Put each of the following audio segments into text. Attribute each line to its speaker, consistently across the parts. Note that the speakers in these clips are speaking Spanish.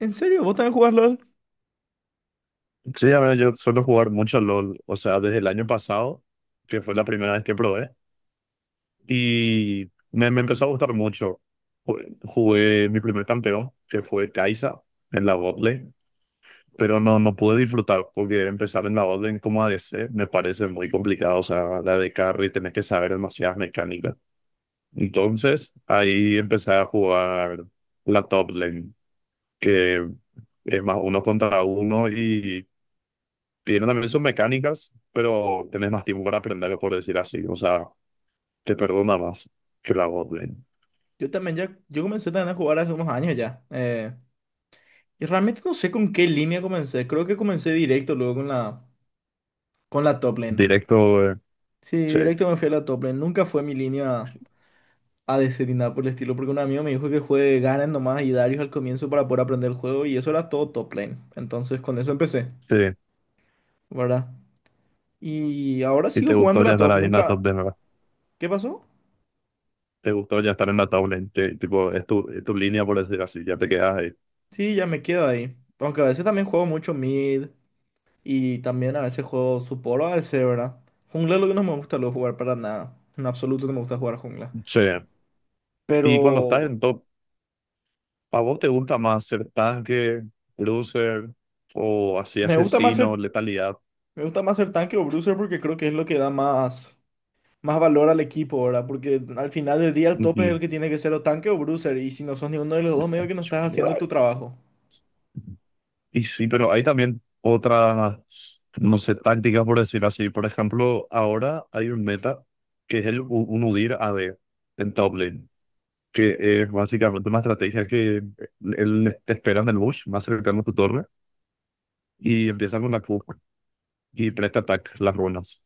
Speaker 1: ¿En serio? ¿Vos también jugás LOL?
Speaker 2: Sí, a ver, yo suelo jugar mucho LOL, o sea, desde el año pasado, que fue la primera vez que probé, y me empezó a gustar mucho. Jugué mi primer campeón, que fue Kai'Sa, en la botlane, pero no pude disfrutar, porque empezar en la botlane como a ADC me parece muy complicado, o sea, la de carry, tenés que saber demasiadas mecánicas. Entonces, ahí empecé a jugar la top lane, que es más uno contra uno y tiene también sus mecánicas, pero tenés más tiempo para aprender, por decir así. O sea, te perdona más que la Godwin.
Speaker 1: Yo comencé también a jugar hace unos años ya. Y realmente no sé con qué línea comencé. Creo que comencé directo luego con con la top lane.
Speaker 2: Directo,
Speaker 1: Sí,
Speaker 2: sí,
Speaker 1: directo me fui a la top lane. Nunca fue mi línea ADC ni nada por el estilo, porque un amigo me dijo que juegue Garen nomás y Darius al comienzo para poder aprender el juego y eso era todo top lane. Entonces con eso empecé,
Speaker 2: sí.
Speaker 1: ¿verdad? Y ahora
Speaker 2: Y
Speaker 1: sigo
Speaker 2: te
Speaker 1: jugando
Speaker 2: gustó ya
Speaker 1: la
Speaker 2: estar
Speaker 1: top,
Speaker 2: ahí en la
Speaker 1: nunca...
Speaker 2: top lane, ¿verdad?
Speaker 1: ¿Qué pasó?
Speaker 2: Te gustó ya estar en la top lane, tipo, es tu línea, por decir así, ya te quedas ahí.
Speaker 1: Sí, ya me quedo ahí. Aunque a veces también juego mucho mid. Y también a veces juego support, o a veces, ¿verdad? Jungla es lo que no me gusta luego jugar para nada. En absoluto no me gusta jugar jungla.
Speaker 2: Sí. Y cuando estás
Speaker 1: Pero
Speaker 2: en top, ¿a vos te gusta más ser tanque, cruiser o así
Speaker 1: me gusta más
Speaker 2: asesino, letalidad?
Speaker 1: me gusta más ser tanque o bruiser porque creo que es lo que da más, más valor al equipo, ¿verdad? Porque al final del día el tope es el que tiene que ser o tanque o bruiser. Y si no sos ninguno de los dos, medio que no estás haciendo tu
Speaker 2: Ujú.
Speaker 1: trabajo.
Speaker 2: Y sí, pero hay también otras, no sé, tácticas por decir así. Por ejemplo, ahora hay un meta que es un UDIR a AD en top lane, que es básicamente una estrategia que él te espera en el bush, más cercano a tu torre, y empieza con la Q y presta ataques, las runas.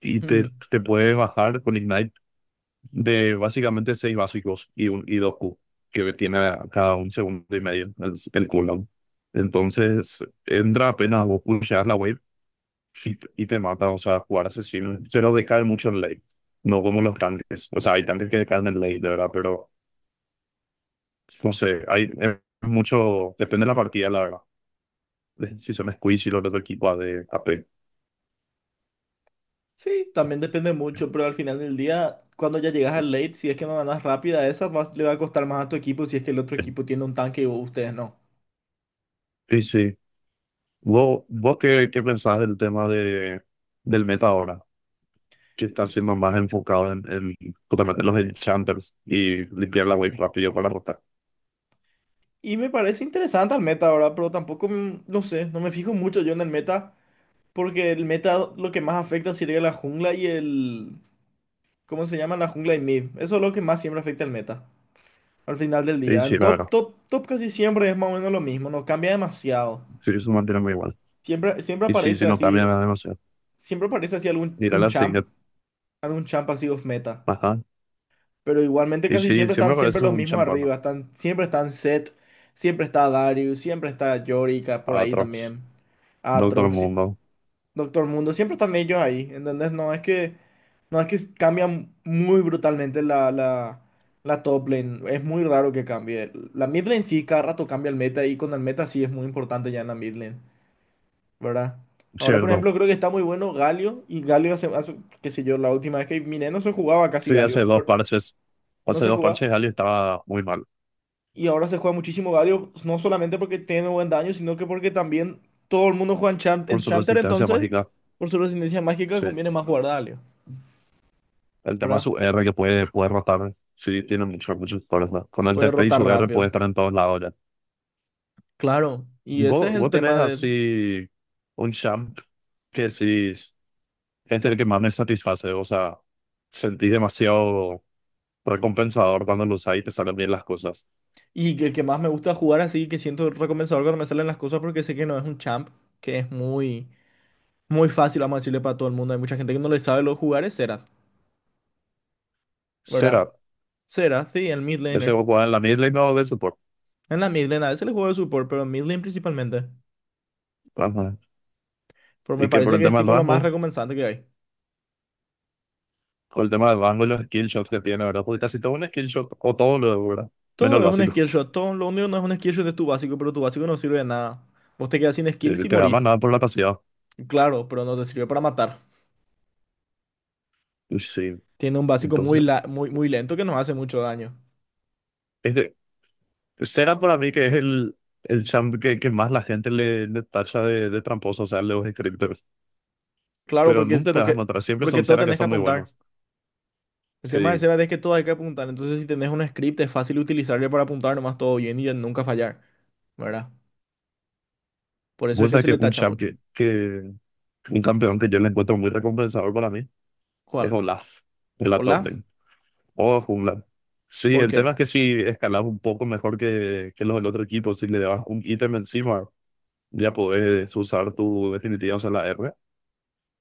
Speaker 2: Y te,
Speaker 1: Mm.
Speaker 2: te puedes bajar con Ignite de básicamente seis básicos y, un, y dos Q, que tiene cada un segundo y medio el cooldown. Entonces, entra apenas vos pusheas la wave y te mata. O sea, jugar asesino se nos decae mucho en late, no como los tanques. O sea, hay tanques que decaen en late, de verdad, pero no sé, hay es mucho, depende de la partida, la verdad. De Si son squeeze y los otro equipo A de AP.
Speaker 1: Sí, también depende mucho, pero al final del día, cuando ya llegas al late, si es que no ganas rápida, esa le va a costar más a tu equipo si es que el otro equipo tiene un tanque y ustedes no.
Speaker 2: Y sí, sí. Vos qué, qué pensás del tema de, del meta ahora, que está siendo más enfocado en justamente los enchanters y limpiar la wave rápido para rotar.
Speaker 1: Y me parece interesante el meta ahora, pero tampoco, no sé, no me fijo mucho yo en el meta, porque el meta lo que más afecta sería la jungla y el... ¿Cómo se llama? La jungla y mid. Eso es lo que más siempre afecta el meta, al final del
Speaker 2: Sí,
Speaker 1: día. En
Speaker 2: sí, la verdad.
Speaker 1: top, top, top casi siempre es más o menos lo mismo, no cambia demasiado.
Speaker 2: Sí, eso mantiene muy igual.
Speaker 1: Siempre,
Speaker 2: Y sí, sí, no también me da demasiado.
Speaker 1: siempre aparece así algún
Speaker 2: Mira
Speaker 1: un
Speaker 2: la
Speaker 1: champ,
Speaker 2: signet.
Speaker 1: algún champ así off meta.
Speaker 2: Ajá.
Speaker 1: Pero igualmente
Speaker 2: Y
Speaker 1: casi
Speaker 2: sí,
Speaker 1: siempre están
Speaker 2: siempre
Speaker 1: siempre
Speaker 2: parece
Speaker 1: los
Speaker 2: un
Speaker 1: mismos
Speaker 2: champán.
Speaker 1: arriba. Siempre están Set, siempre está Darius, siempre está Yorica por ahí
Speaker 2: Atrox.
Speaker 1: también.
Speaker 2: Doctor
Speaker 1: Aatrox,
Speaker 2: Mundo.
Speaker 1: Doctor Mundo, siempre están ellos ahí, ¿entendés? No es que cambian muy brutalmente la top lane. Es muy raro que cambie. La mid lane sí, cada rato cambia el meta y con el meta sí es muy importante ya en la mid lane, ¿verdad? Ahora, por
Speaker 2: Cierto.
Speaker 1: ejemplo, creo que está muy bueno Galio y Galio hace. Qué sé yo, la última vez que miré no se jugaba casi
Speaker 2: Sí, hace
Speaker 1: Galio,
Speaker 2: dos
Speaker 1: pero
Speaker 2: parches.
Speaker 1: no
Speaker 2: Hace
Speaker 1: se
Speaker 2: dos
Speaker 1: jugaba.
Speaker 2: parches, Ali estaba muy mal.
Speaker 1: Y ahora se juega muchísimo Galio, no solamente porque tiene buen daño, sino que porque también todo el mundo juega
Speaker 2: Por su
Speaker 1: Enchanter.
Speaker 2: resistencia
Speaker 1: Entonces,
Speaker 2: mágica.
Speaker 1: por su resistencia mágica,
Speaker 2: Sí.
Speaker 1: conviene más jugar Galio,
Speaker 2: El tema es
Speaker 1: ¿verdad?
Speaker 2: su R que puede, puede rotar. Sí, tiene muchos, muchos colores, ¿no? Con el
Speaker 1: Puede
Speaker 2: TP y
Speaker 1: rotar
Speaker 2: su R puede
Speaker 1: rápido.
Speaker 2: estar en todos lados ya.
Speaker 1: Claro, y ese es
Speaker 2: ¿Vos,
Speaker 1: el
Speaker 2: vos tenés
Speaker 1: tema del...
Speaker 2: así un champ que sí es el que más me satisface? O sea, sentís demasiado recompensador cuando lo usás y te salen bien las cosas.
Speaker 1: Y el que más me gusta jugar así, que siento recompensador cuando me salen las cosas, porque sé que no es un champ, que es muy fácil, vamos a decirle, para todo el mundo. Hay mucha gente que no le sabe lo jugar, es Xerath, ¿verdad?
Speaker 2: Será,
Speaker 1: Xerath, sí, el mid
Speaker 2: ¿ese
Speaker 1: laner.
Speaker 2: vos jugás en la mid lane o de support?
Speaker 1: En la mid lane a veces le juego de support, pero en mid lane principalmente.
Speaker 2: Ajá.
Speaker 1: Pero me
Speaker 2: Y que por
Speaker 1: parece
Speaker 2: el
Speaker 1: que es
Speaker 2: tema del
Speaker 1: tipo lo más
Speaker 2: rango,
Speaker 1: recompensante que hay.
Speaker 2: por el tema del rango y los skill shots que tiene, ¿verdad? Porque casi todo un skill shot o todo lo, ¿verdad? Menos el
Speaker 1: Todo es un skill
Speaker 2: básico.
Speaker 1: shot. Todo, lo único que no es un skill shot es tu básico, pero tu básico no sirve de nada. Vos te quedas sin skills y
Speaker 2: Te da más
Speaker 1: morís.
Speaker 2: nada por la pasividad.
Speaker 1: Claro, pero no te sirve para matar.
Speaker 2: Y sí,
Speaker 1: Tiene un básico
Speaker 2: entonces
Speaker 1: muy lento que nos hace mucho daño.
Speaker 2: es que Sega para mí que es el champ que más la gente le, le tacha de tramposo, o sea, los scripters.
Speaker 1: Claro,
Speaker 2: Pero nunca te vas a encontrar, siempre
Speaker 1: porque
Speaker 2: son
Speaker 1: todo
Speaker 2: Sega que
Speaker 1: tenés que
Speaker 2: son muy
Speaker 1: apuntar.
Speaker 2: buenos.
Speaker 1: El tema de
Speaker 2: Sí.
Speaker 1: Serad es que todo hay que apuntar. Entonces, si tenés un script, es fácil utilizarle para apuntar nomás todo bien y de nunca fallar, ¿verdad? Por eso es
Speaker 2: Vos
Speaker 1: que
Speaker 2: sabés
Speaker 1: se
Speaker 2: que
Speaker 1: le
Speaker 2: un
Speaker 1: tacha
Speaker 2: champ
Speaker 1: mucho.
Speaker 2: que, un campeón que yo le encuentro muy recompensador para mí es
Speaker 1: ¿Cuál?
Speaker 2: Olaf, de la top
Speaker 1: ¿Olaf?
Speaker 2: lane. O jungla. Sí,
Speaker 1: ¿Por
Speaker 2: el tema
Speaker 1: qué?
Speaker 2: es que si escalas un poco mejor que los del otro equipo, si le das un ítem encima, ya podés usar tu definitiva, o sea, la R,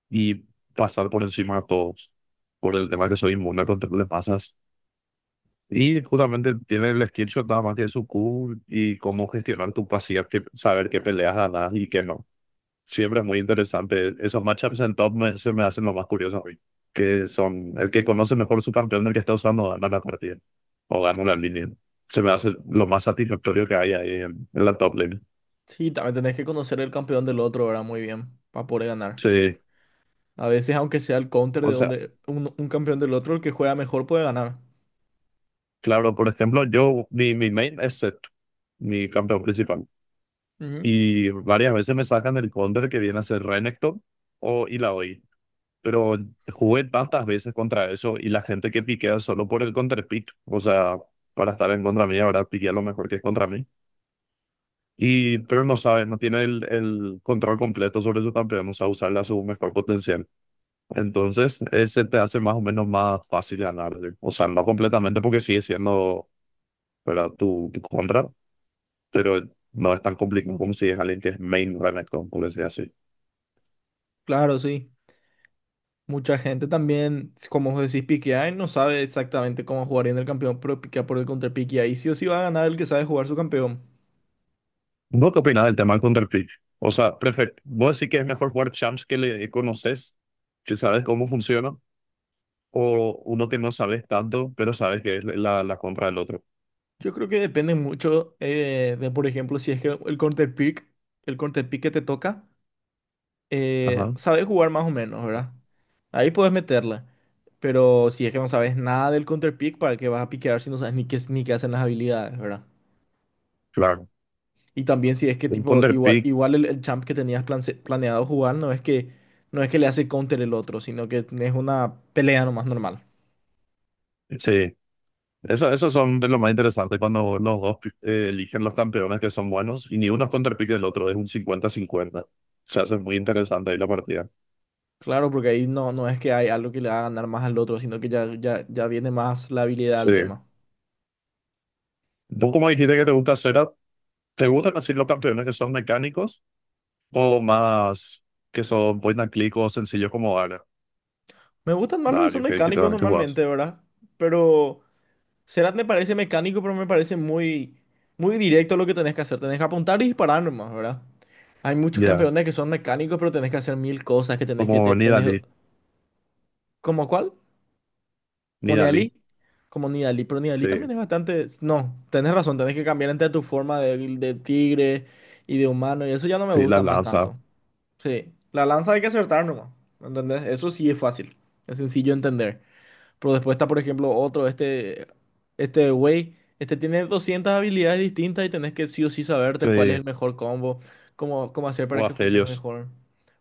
Speaker 2: y pasar por encima de todos por el tema que soy inmune contra le pasas. Y justamente tiene el skill shot, nada más tiene su Q y cómo gestionar tu pasiva, que, saber qué peleas ganas y qué no. Siempre es muy interesante. Esos matchups en top me, se me hacen lo más curioso hoy. Que son el que conoce mejor su campeón del que está usando gana la partida o gana la línea. Se me hace lo más satisfactorio que hay ahí en la top lane.
Speaker 1: Sí, también tenés que conocer el campeón del otro, ¿verdad? Muy bien, para poder ganar.
Speaker 2: Sí.
Speaker 1: A veces, aunque sea el counter
Speaker 2: O
Speaker 1: de
Speaker 2: sea,
Speaker 1: donde un campeón del otro, el que juega mejor puede ganar.
Speaker 2: claro, por ejemplo, yo, mi main es Zed, mi campeón principal.
Speaker 1: Ujú.
Speaker 2: Y varias veces me sacan del counter que viene a ser Renekton o Illaoi. Pero jugué tantas veces contra eso y la gente que piquea solo por el counter pick, o sea, para estar en contra mí, ahora piquea lo mejor que es contra mí. Y, pero no sabe, no tiene el control completo sobre su campeón, o sea, usarla a su mejor potencial. Entonces, ese te hace más o menos más fácil ganar, ¿sí? O sea, no completamente porque sigue siendo, ¿verdad? Tu contra, pero no es tan complicado como si es alguien que es main Renekton, por decir así.
Speaker 1: Claro, sí. Mucha gente también, como vos decís, piquea y no sabe exactamente cómo jugar en el campeón, pero piquea por el counter pick y ahí sí o sí va a ganar el que sabe jugar su campeón.
Speaker 2: ¿Vos qué opinás del tema del el? O sea, perfecto. ¿Vos decís que es mejor jugar champs que le conoces, que sabes cómo funciona, o uno que no sabes tanto, pero sabes que es la, la contra del otro?
Speaker 1: Yo creo que depende mucho de, por ejemplo, si es que el counter el counter pick que te toca,
Speaker 2: Ajá,
Speaker 1: sabes jugar más o menos, ¿verdad? Ahí puedes meterla. Pero si es que no sabes nada del counter pick, ¿para qué vas a piquear si no sabes ni ni qué hacen las habilidades, ¿verdad?
Speaker 2: claro.
Speaker 1: Y también si es que
Speaker 2: El
Speaker 1: tipo,
Speaker 2: counter
Speaker 1: igual el champ que tenías planeado jugar no es que, no es que le hace counter el otro, sino que es una pelea nomás normal.
Speaker 2: sí. Eso, esos son de lo más interesante cuando los dos eligen los campeones que son buenos y ni uno es counter del otro, es un cincuenta-cincuenta. Se hace muy interesante ahí la partida.
Speaker 1: Claro, porque ahí no es que hay algo que le haga ganar más al otro, sino que ya viene más la habilidad
Speaker 2: Sí.
Speaker 1: al tema.
Speaker 2: Vos como dijiste que te gusta hacer, ¿te gustan así los campeones que son mecánicos? O más que son point and click o sencillos como Dario.
Speaker 1: Me gustan más los que son
Speaker 2: Dario, que
Speaker 1: mecánicos
Speaker 2: también tú jugás.
Speaker 1: normalmente, ¿verdad? Pero Serat me parece mecánico, pero me parece muy directo lo que tenés que hacer. Tenés que apuntar y disparar nomás, ¿verdad? Hay muchos
Speaker 2: Ya.
Speaker 1: campeones que son mecánicos, pero tenés que hacer mil cosas, que tenés
Speaker 2: Como
Speaker 1: tenés...
Speaker 2: Nidalee.
Speaker 1: ¿Cómo cuál? Como
Speaker 2: Nidalee.
Speaker 1: Nidalee, como Nidalee, pero Nidalee
Speaker 2: Sí.
Speaker 1: también es bastante. No, tenés razón, tenés que cambiar entre tu forma de tigre y de humano, y eso ya no me
Speaker 2: Sí, la
Speaker 1: gusta más
Speaker 2: lanza.
Speaker 1: tanto. Sí, la lanza hay que acertar nomás, ¿entendés? Eso sí es fácil, es sencillo de entender. Pero después está, por ejemplo, este güey, este tiene 200 habilidades distintas y tenés que sí o sí saberte cuál es
Speaker 2: Sí.
Speaker 1: el mejor combo, cómo hacer
Speaker 2: O
Speaker 1: para que funcione
Speaker 2: Aphelios.
Speaker 1: mejor.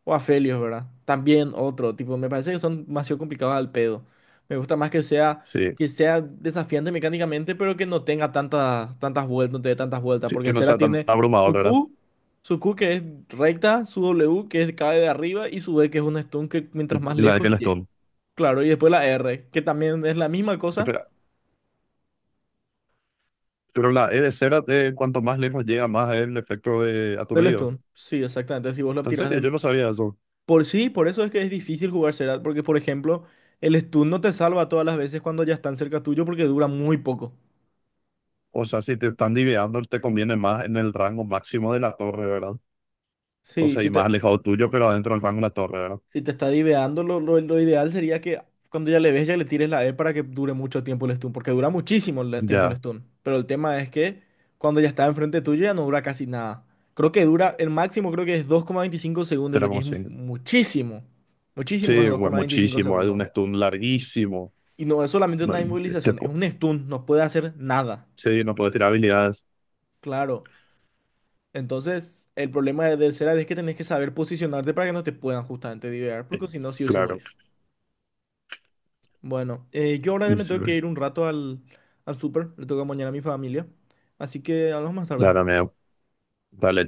Speaker 1: O Aphelios, ¿verdad? También otro, tipo, me parece que son demasiado complicados al pedo. Me gusta más que
Speaker 2: Sí.
Speaker 1: que sea desafiante mecánicamente, pero que no tenga tantas vueltas, no te dé tantas vueltas,
Speaker 2: Sí. Que
Speaker 1: porque
Speaker 2: no
Speaker 1: Sera
Speaker 2: sea tan
Speaker 1: tiene
Speaker 2: abrumador,
Speaker 1: su
Speaker 2: ¿verdad?
Speaker 1: Q, su Q que es recta, su W que es cae de arriba y su B que es un stun que mientras más
Speaker 2: Y la de
Speaker 1: lejos llega.
Speaker 2: Kelestone.
Speaker 1: Claro, y después la R, que también es la misma cosa
Speaker 2: Pero, pero la E de Cera, cuanto más lejos llega, más el efecto de
Speaker 1: del
Speaker 2: aturdido.
Speaker 1: stun. Sí, exactamente. Si vos lo
Speaker 2: En
Speaker 1: tirás
Speaker 2: serio,
Speaker 1: de...
Speaker 2: yo no sabía eso.
Speaker 1: Por sí, por eso es que es difícil jugar Serat, porque por ejemplo, el stun no te salva todas las veces cuando ya están cerca tuyo porque dura muy poco.
Speaker 2: O sea, si te están diveando, te conviene más en el rango máximo de la torre, ¿verdad? O
Speaker 1: Sí,
Speaker 2: sea, y más alejado tuyo, pero adentro del rango de la torre, ¿verdad?
Speaker 1: si te está diveando, lo ideal sería que cuando ya le ves, ya le tires la E para que dure mucho tiempo el stun, porque dura muchísimo el tiempo el
Speaker 2: Ya,
Speaker 1: stun. Pero el tema es que cuando ya está enfrente tuyo ya no dura casi nada. Creo que dura, el máximo creo que es 2,25 segundos,
Speaker 2: será
Speaker 1: lo que
Speaker 2: como
Speaker 1: es
Speaker 2: así.
Speaker 1: muchísimo. Muchísimo es
Speaker 2: Sí, bueno,
Speaker 1: 2,25
Speaker 2: muchísimo, es un
Speaker 1: segundos.
Speaker 2: estudio larguísimo.
Speaker 1: Y no es solamente
Speaker 2: No,
Speaker 1: una
Speaker 2: te- te-
Speaker 1: inmovilización, es un stun, no puede hacer nada.
Speaker 2: sí, no puedo tirar habilidades.
Speaker 1: Claro. Entonces, el problema de Serad es que tenés que saber posicionarte para que no te puedan justamente divear, porque
Speaker 2: Sí,
Speaker 1: si no, sí o sí
Speaker 2: claro.
Speaker 1: morís. Bueno, yo ahora ya me
Speaker 2: Sí,
Speaker 1: tengo que
Speaker 2: bueno.
Speaker 1: ir un rato al, al súper, le toca mañana a mi familia, así que hablamos más tarde.
Speaker 2: Dale, amigo. Dale,